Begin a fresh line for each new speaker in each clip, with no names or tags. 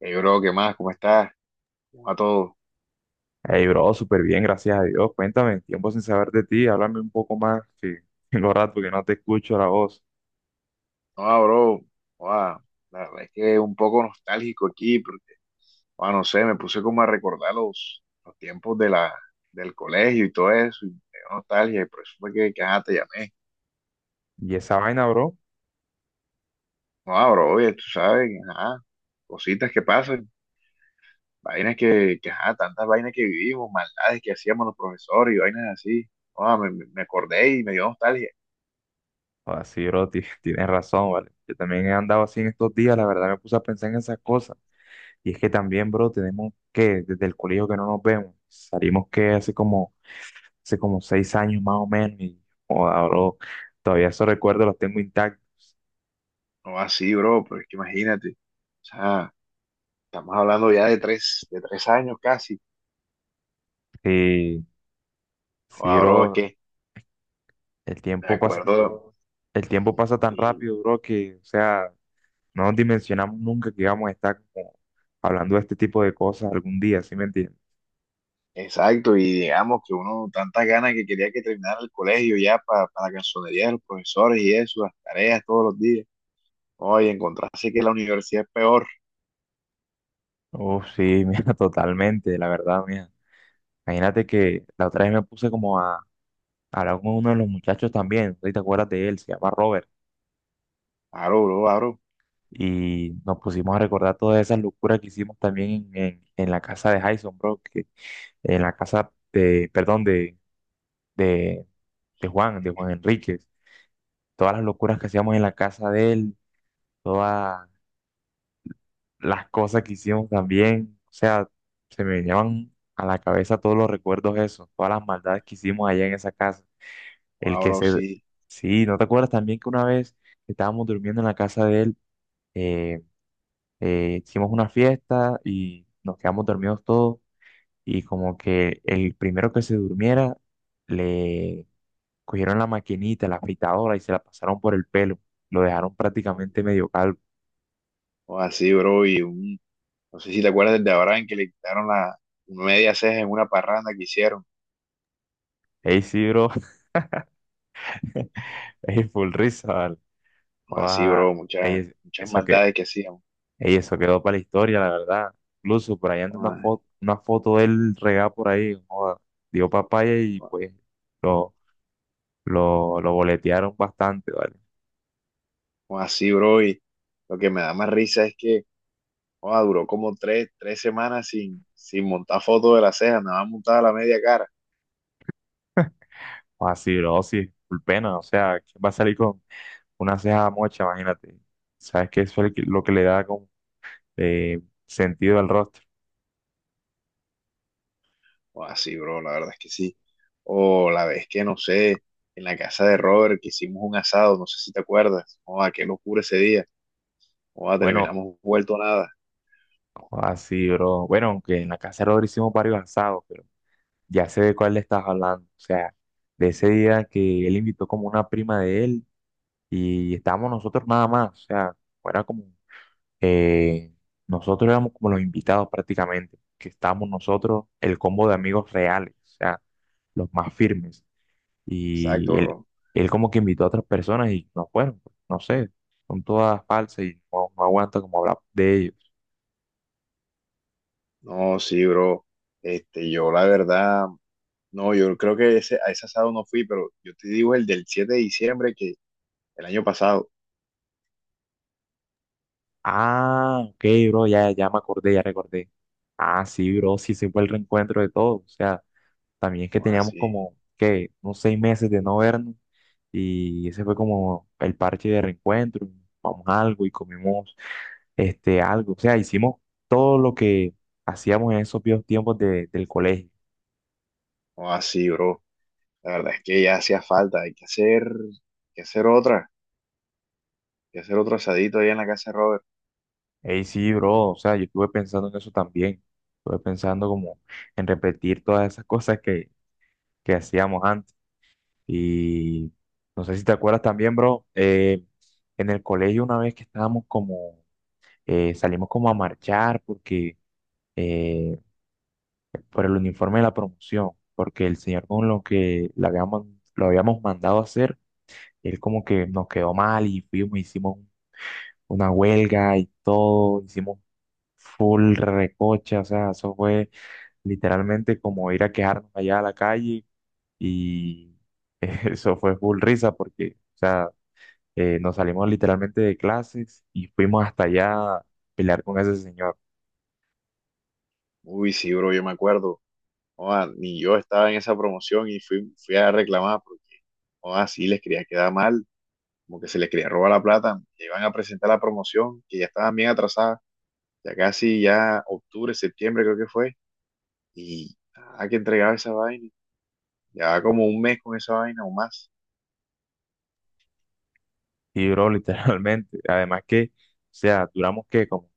Hey, bro, ¿qué más? ¿Cómo estás? ¿Cómo va todo?
Hey, bro, súper bien, gracias a Dios. Cuéntame, tiempo sin saber de ti, háblame un poco más, que tengo rato que no te escucho la voz.
No, bro, joda, la verdad es que un poco nostálgico aquí, porque, joda, no sé, me puse como a recordar los tiempos de del colegio y todo eso, y me dio nostalgia, y por eso fue que ajá, te llamé.
Y esa vaina, bro,
No, bro, oye, tú sabes, ajá, cositas que pasan, vainas ajá, tantas vainas que vivimos, maldades que hacíamos los profesores y vainas así. Joda, me acordé y me dio nostalgia.
así, sí, bro, tienes razón, ¿vale? Yo también he andado así en estos días, la verdad me puse a pensar en esas cosas. Y es que también, bro, tenemos que, desde el colegio que no nos vemos, salimos que hace como 6 años más o menos, y joda, bro, todavía esos recuerdos los tengo intactos.
No, así, bro, pero es que imagínate, o sea. Estamos hablando ya de tres años casi.
Sí,
O
sí,
ahora
bro,
que
el
me
tiempo pasa,
acuerdo.
el tiempo pasa tan
y-
rápido, bro, que, o sea... No dimensionamos nunca que íbamos a estar como hablando de este tipo de cosas algún día, ¿sí me entiendes?
exacto, y digamos que uno, tantas ganas que quería que terminara el colegio ya para la cansonería de los profesores y eso, las tareas todos los días. Oye, encontrarse que la universidad es peor.
Oh, sí, mira, totalmente, la verdad, mira. Imagínate que la otra vez me puse como a hablar con uno de los muchachos también, no sé si te acuerdas de él, se llama Robert,
Aro, bro, aro.
y nos pusimos a recordar todas esas locuras que hicimos también en la casa de Jason, bro, que, en la casa de, perdón, de, de Juan Enríquez, todas las locuras que hacíamos en la casa de él, todas las cosas que hicimos también. O sea, se me venían a la cabeza todos los recuerdos esos, todas las maldades que hicimos allá en esa casa. El que
O
se...
sí.
Sí, ¿no te acuerdas también que una vez estábamos durmiendo en la casa de él, eh, hicimos una fiesta y nos quedamos dormidos todos y como que el primero que se durmiera le cogieron la maquinita, la afeitadora y se la pasaron por el pelo. Lo dejaron prácticamente medio calvo.
O así, bro. No sé si te acuerdas del de Abraham que le quitaron la media ceja en una parranda que hicieron.
Ey, sí, bro. Ey, full risa, vale.
O así,
Guau,
bro.
ey,
Muchas, muchas
eso que,
maldades que hacíamos.
ey, eso quedó para la historia, la verdad. Incluso por ahí anda una foto de él regada por ahí, joda, dio papaya y pues lo, lo boletearon bastante, ¿vale?
O así, bro, y lo que me da más risa es que joda, duró como tres semanas sin montar fotos de la ceja, nada más montada la media cara.
Así, bro, sí, por pena, o sea, ¿quién va a salir con una ceja mocha? Imagínate. ¿Sabes qué? Eso es lo que le da como, eh, sentido al rostro.
O así, bro, la verdad es que sí. O la vez que, no sé, en la casa de Robert que hicimos un asado, no sé si te acuerdas. Joda, qué locura ese día. Joda,
Bueno,
terminamos vuelto nada.
así, bro. Bueno, aunque en la casa de Rodri hicimos varios asados, pero ya sé de cuál le estás hablando, o sea, de ese día que él invitó como una prima de él y estábamos nosotros nada más, o sea, era como, eh, nosotros éramos como los invitados prácticamente, que estábamos nosotros, el combo de amigos reales, o sea, los más firmes,
Exacto,
y él,
bro.
él como que invitó a otras personas y no fueron, pues, no sé, son todas falsas y no, no aguanta como hablar de ellos.
No, sí, bro. Este, yo la verdad, no, yo creo que a ese asado no fui, pero yo te digo el del 7 de diciembre que el año pasado.
Ah, ok, bro, ya me acordé, ya recordé. Ah, sí, bro, sí, se fue el reencuentro de todos, o sea. También que
O
teníamos
así,
como, que unos 6 meses de no vernos y ese fue como el parche de reencuentro. Vamos algo y comimos este, algo. O sea, hicimos todo lo que hacíamos en esos viejos tiempos del colegio.
o así, bro. La verdad es que ya hacía falta, que hacer otra, hay que hacer otro asadito ahí en la casa de Robert.
Ey, sí, bro, o sea, yo estuve pensando en eso también. Estuve pensando como en repetir todas esas cosas que hacíamos antes. Y no sé si te acuerdas también, bro, en el colegio una vez que estábamos como, salimos como a marchar porque eh, por el uniforme de la promoción, porque el señor con lo que le habíamos, lo habíamos mandado a hacer, él como que nos quedó mal y fuimos, hicimos una huelga y todo, hicimos full recocha, o sea, eso fue literalmente como ir a quejarnos allá a la calle y eso fue full risa porque, o sea, nos salimos literalmente de clases y fuimos hasta allá a pelear con ese señor.
Uy, sí, bro, yo me acuerdo. Joda, ni yo estaba en esa promoción y fui, fui a reclamar porque, joda, sí, les quería quedar mal, como que se les quería robar la plata. Que iban a presentar la promoción, que ya estaban bien atrasadas, ya casi ya octubre, septiembre creo que fue, y nada que entregaba esa vaina. Ya como un mes con esa vaina o más.
Y duró literalmente. Además que, o sea, duramos que como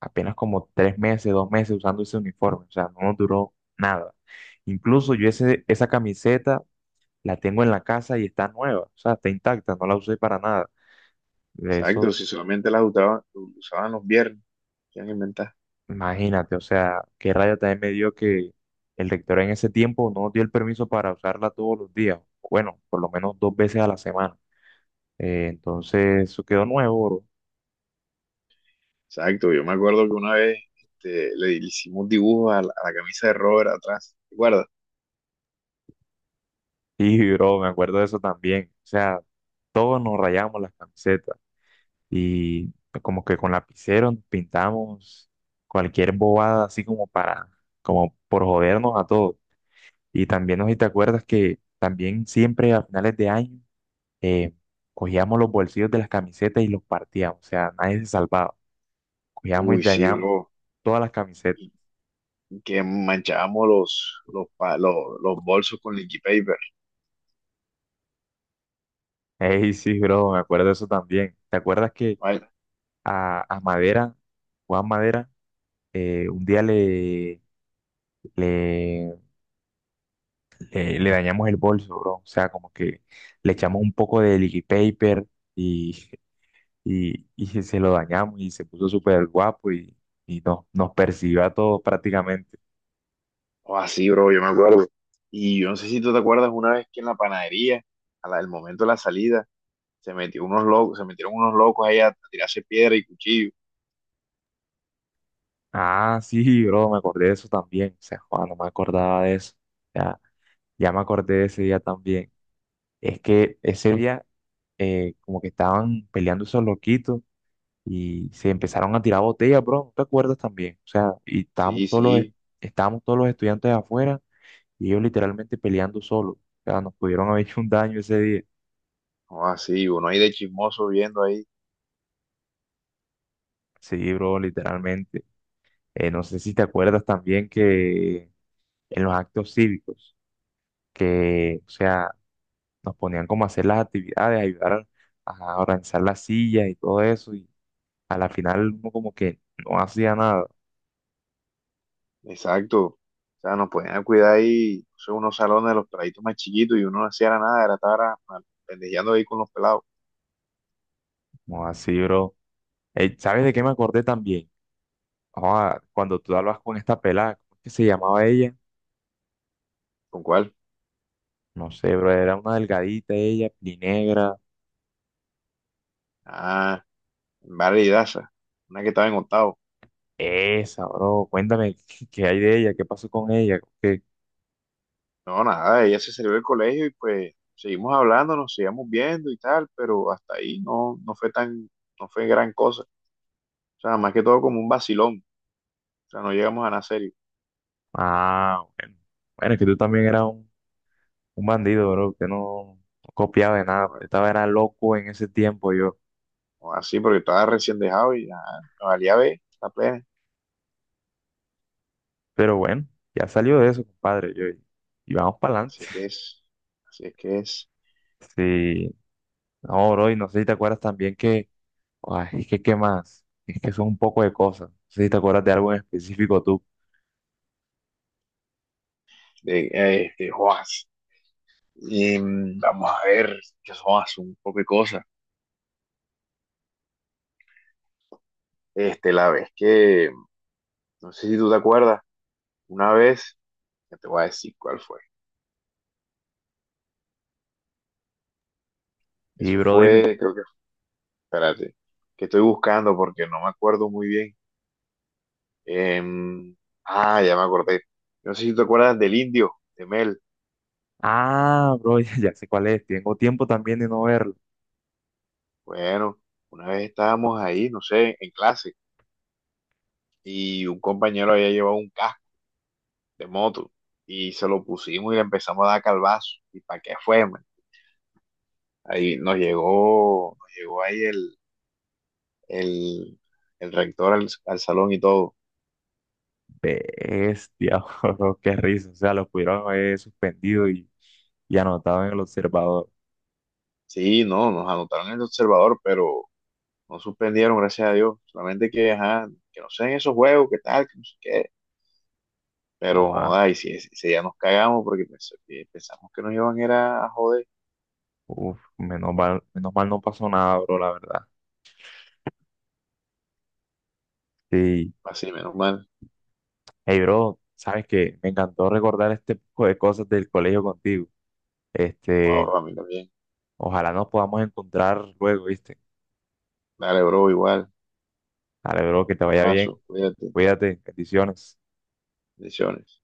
apenas como 3 meses, 2 meses usando ese uniforme, o sea, no nos duró nada. Incluso yo ese, esa camiseta la tengo en la casa y está nueva, o sea, está intacta, no la usé para nada. De
Exacto,
eso,
si solamente usaban los viernes, ¿qué han inventado?
imagínate, o sea, qué raya también me dio que el rector en ese tiempo no nos dio el permiso para usarla todos los días, bueno, por lo menos 2 veces a la semana. Entonces, eso quedó nuevo, bro.
Exacto, yo me acuerdo que una vez este, le hicimos dibujos a a la camisa de Robert atrás, ¿te acuerdas?
Y, bro, me acuerdo de eso también, o sea, todos nos rayamos las camisetas y como que con lapicero nos pintamos cualquier bobada así como para, como por jodernos a todos. Y también, no sé si te acuerdas que también siempre a finales de año eh, cogíamos los bolsillos de las camisetas y los partíamos, o sea, nadie se salvaba. Cogíamos y
Uy, sí,
dañamos
bro,
todas las camisetas.
y y que manchábamos los bolsos con liquid paper,
Ey, sí, bro, me acuerdo de eso también. ¿Te acuerdas que
¿vale?
a Madera, Juan Madera, un día le le dañamos el bolso, bro? O sea, como que le echamos un poco de liquid paper y, y se lo dañamos y se puso súper guapo y nos, nos persiguió a todos prácticamente.
O así, bro, yo me acuerdo. Y yo no sé si tú te acuerdas una vez que en la panadería, al momento de la salida, se metieron unos locos ahí a tirarse piedra y cuchillo.
Ah, sí, bro, me acordé de eso también. O sea, joder, no me acordaba de eso. Ya, ya me acordé de ese día también. Es que ese día como que estaban peleando esos loquitos y se empezaron a tirar botellas, bro. ¿No te acuerdas también? O sea, y
Sí, sí,
estábamos todos los estudiantes afuera y ellos literalmente peleando solo. O sea, nos pudieron haber hecho un daño ese día.
o así, uno ahí de chismoso viendo ahí.
Sí, bro, literalmente. No sé si te acuerdas también que en los actos cívicos, que, o sea, nos ponían como a hacer las actividades, ayudar a organizar las sillas y todo eso. Y a la final uno como que no hacía nada.
Exacto. O sea, nos ponían a cuidar ahí, no sé, unos salones de los peladitos más chiquitos y uno no hacía nada, era estar pendejeando ahí con los pelados.
No, así, bro. ¿Sabes de qué me acordé también? Ah, cuando tú hablabas con esta pelada, ¿cómo es que se llamaba ella?
¿Con cuál?
No sé, bro, era una delgadita ella, negra.
Ah, Vale y Daza, una que estaba en octavo.
Esa, bro, cuéntame qué, qué hay de ella, qué pasó con ella, qué...
No, nada, ella se salió del colegio y pues seguimos hablando, nos seguíamos viendo y tal, pero hasta ahí no fue tan, no fue gran cosa. O sea, más que todo como un vacilón. O sea, no llegamos a nada serio.
Ah, bueno. Bueno, es que tú también eras un bandido, bro, que no, no copiaba de nada,
No,
estaba era loco en ese tiempo yo.
no así porque estaba recién dejado y ah, nos valía ver, la plena.
Pero bueno, ya salió de eso, compadre, yo, y vamos para
Así
adelante.
es que es, así es que es.
Sí, no, bro, y no sé si te acuerdas también que, ay, es que qué más, es que son un poco de cosas. No sé si te acuerdas de algo en específico tú.
De, de Joas. Y mm, vamos a ver, que son un poco de cosas. Este, la vez que, no sé si tú te acuerdas, una vez, ya te voy a decir cuál fue.
Y
Eso
bro, dime.
fue, creo que, espérate, que estoy buscando porque no me acuerdo muy bien. Em, ah, ya me acordé. No sé si te acuerdas del indio, de Mel.
Ah, bro, ya sé cuál es, tengo tiempo también de no verla.
Bueno, una vez estábamos ahí, no sé, en clase, y un compañero había llevado un casco de moto y se lo pusimos y le empezamos a dar calvazo. ¿Y para qué fue, man? Ahí nos llegó ahí el, el rector al salón y todo.
Bestia, bro, qué risa. O sea, lo pudieron haber suspendido y anotado en el observador.
Sí, no, nos anotaron en el observador, pero no suspendieron, gracias a Dios. Solamente que, ajá, que no sean esos juegos, que tal, que no sé qué.
Oh,
Pero,
ah,
ay, sí, sí, sí, ya nos cagamos porque que pensamos que nos iban era a joder.
uf, menos mal no pasó nada, bro, la verdad. Sí.
Así, menos mal.
Hey, bro, sabes que me encantó recordar este poco de cosas del colegio contigo. Este,
Wow, a mí también.
ojalá nos podamos encontrar luego, ¿viste?
Dale, bro, igual.
Dale, bro, que te
Un
vaya bien.
abrazo, cuídate.
Cuídate, bendiciones.
Bendiciones.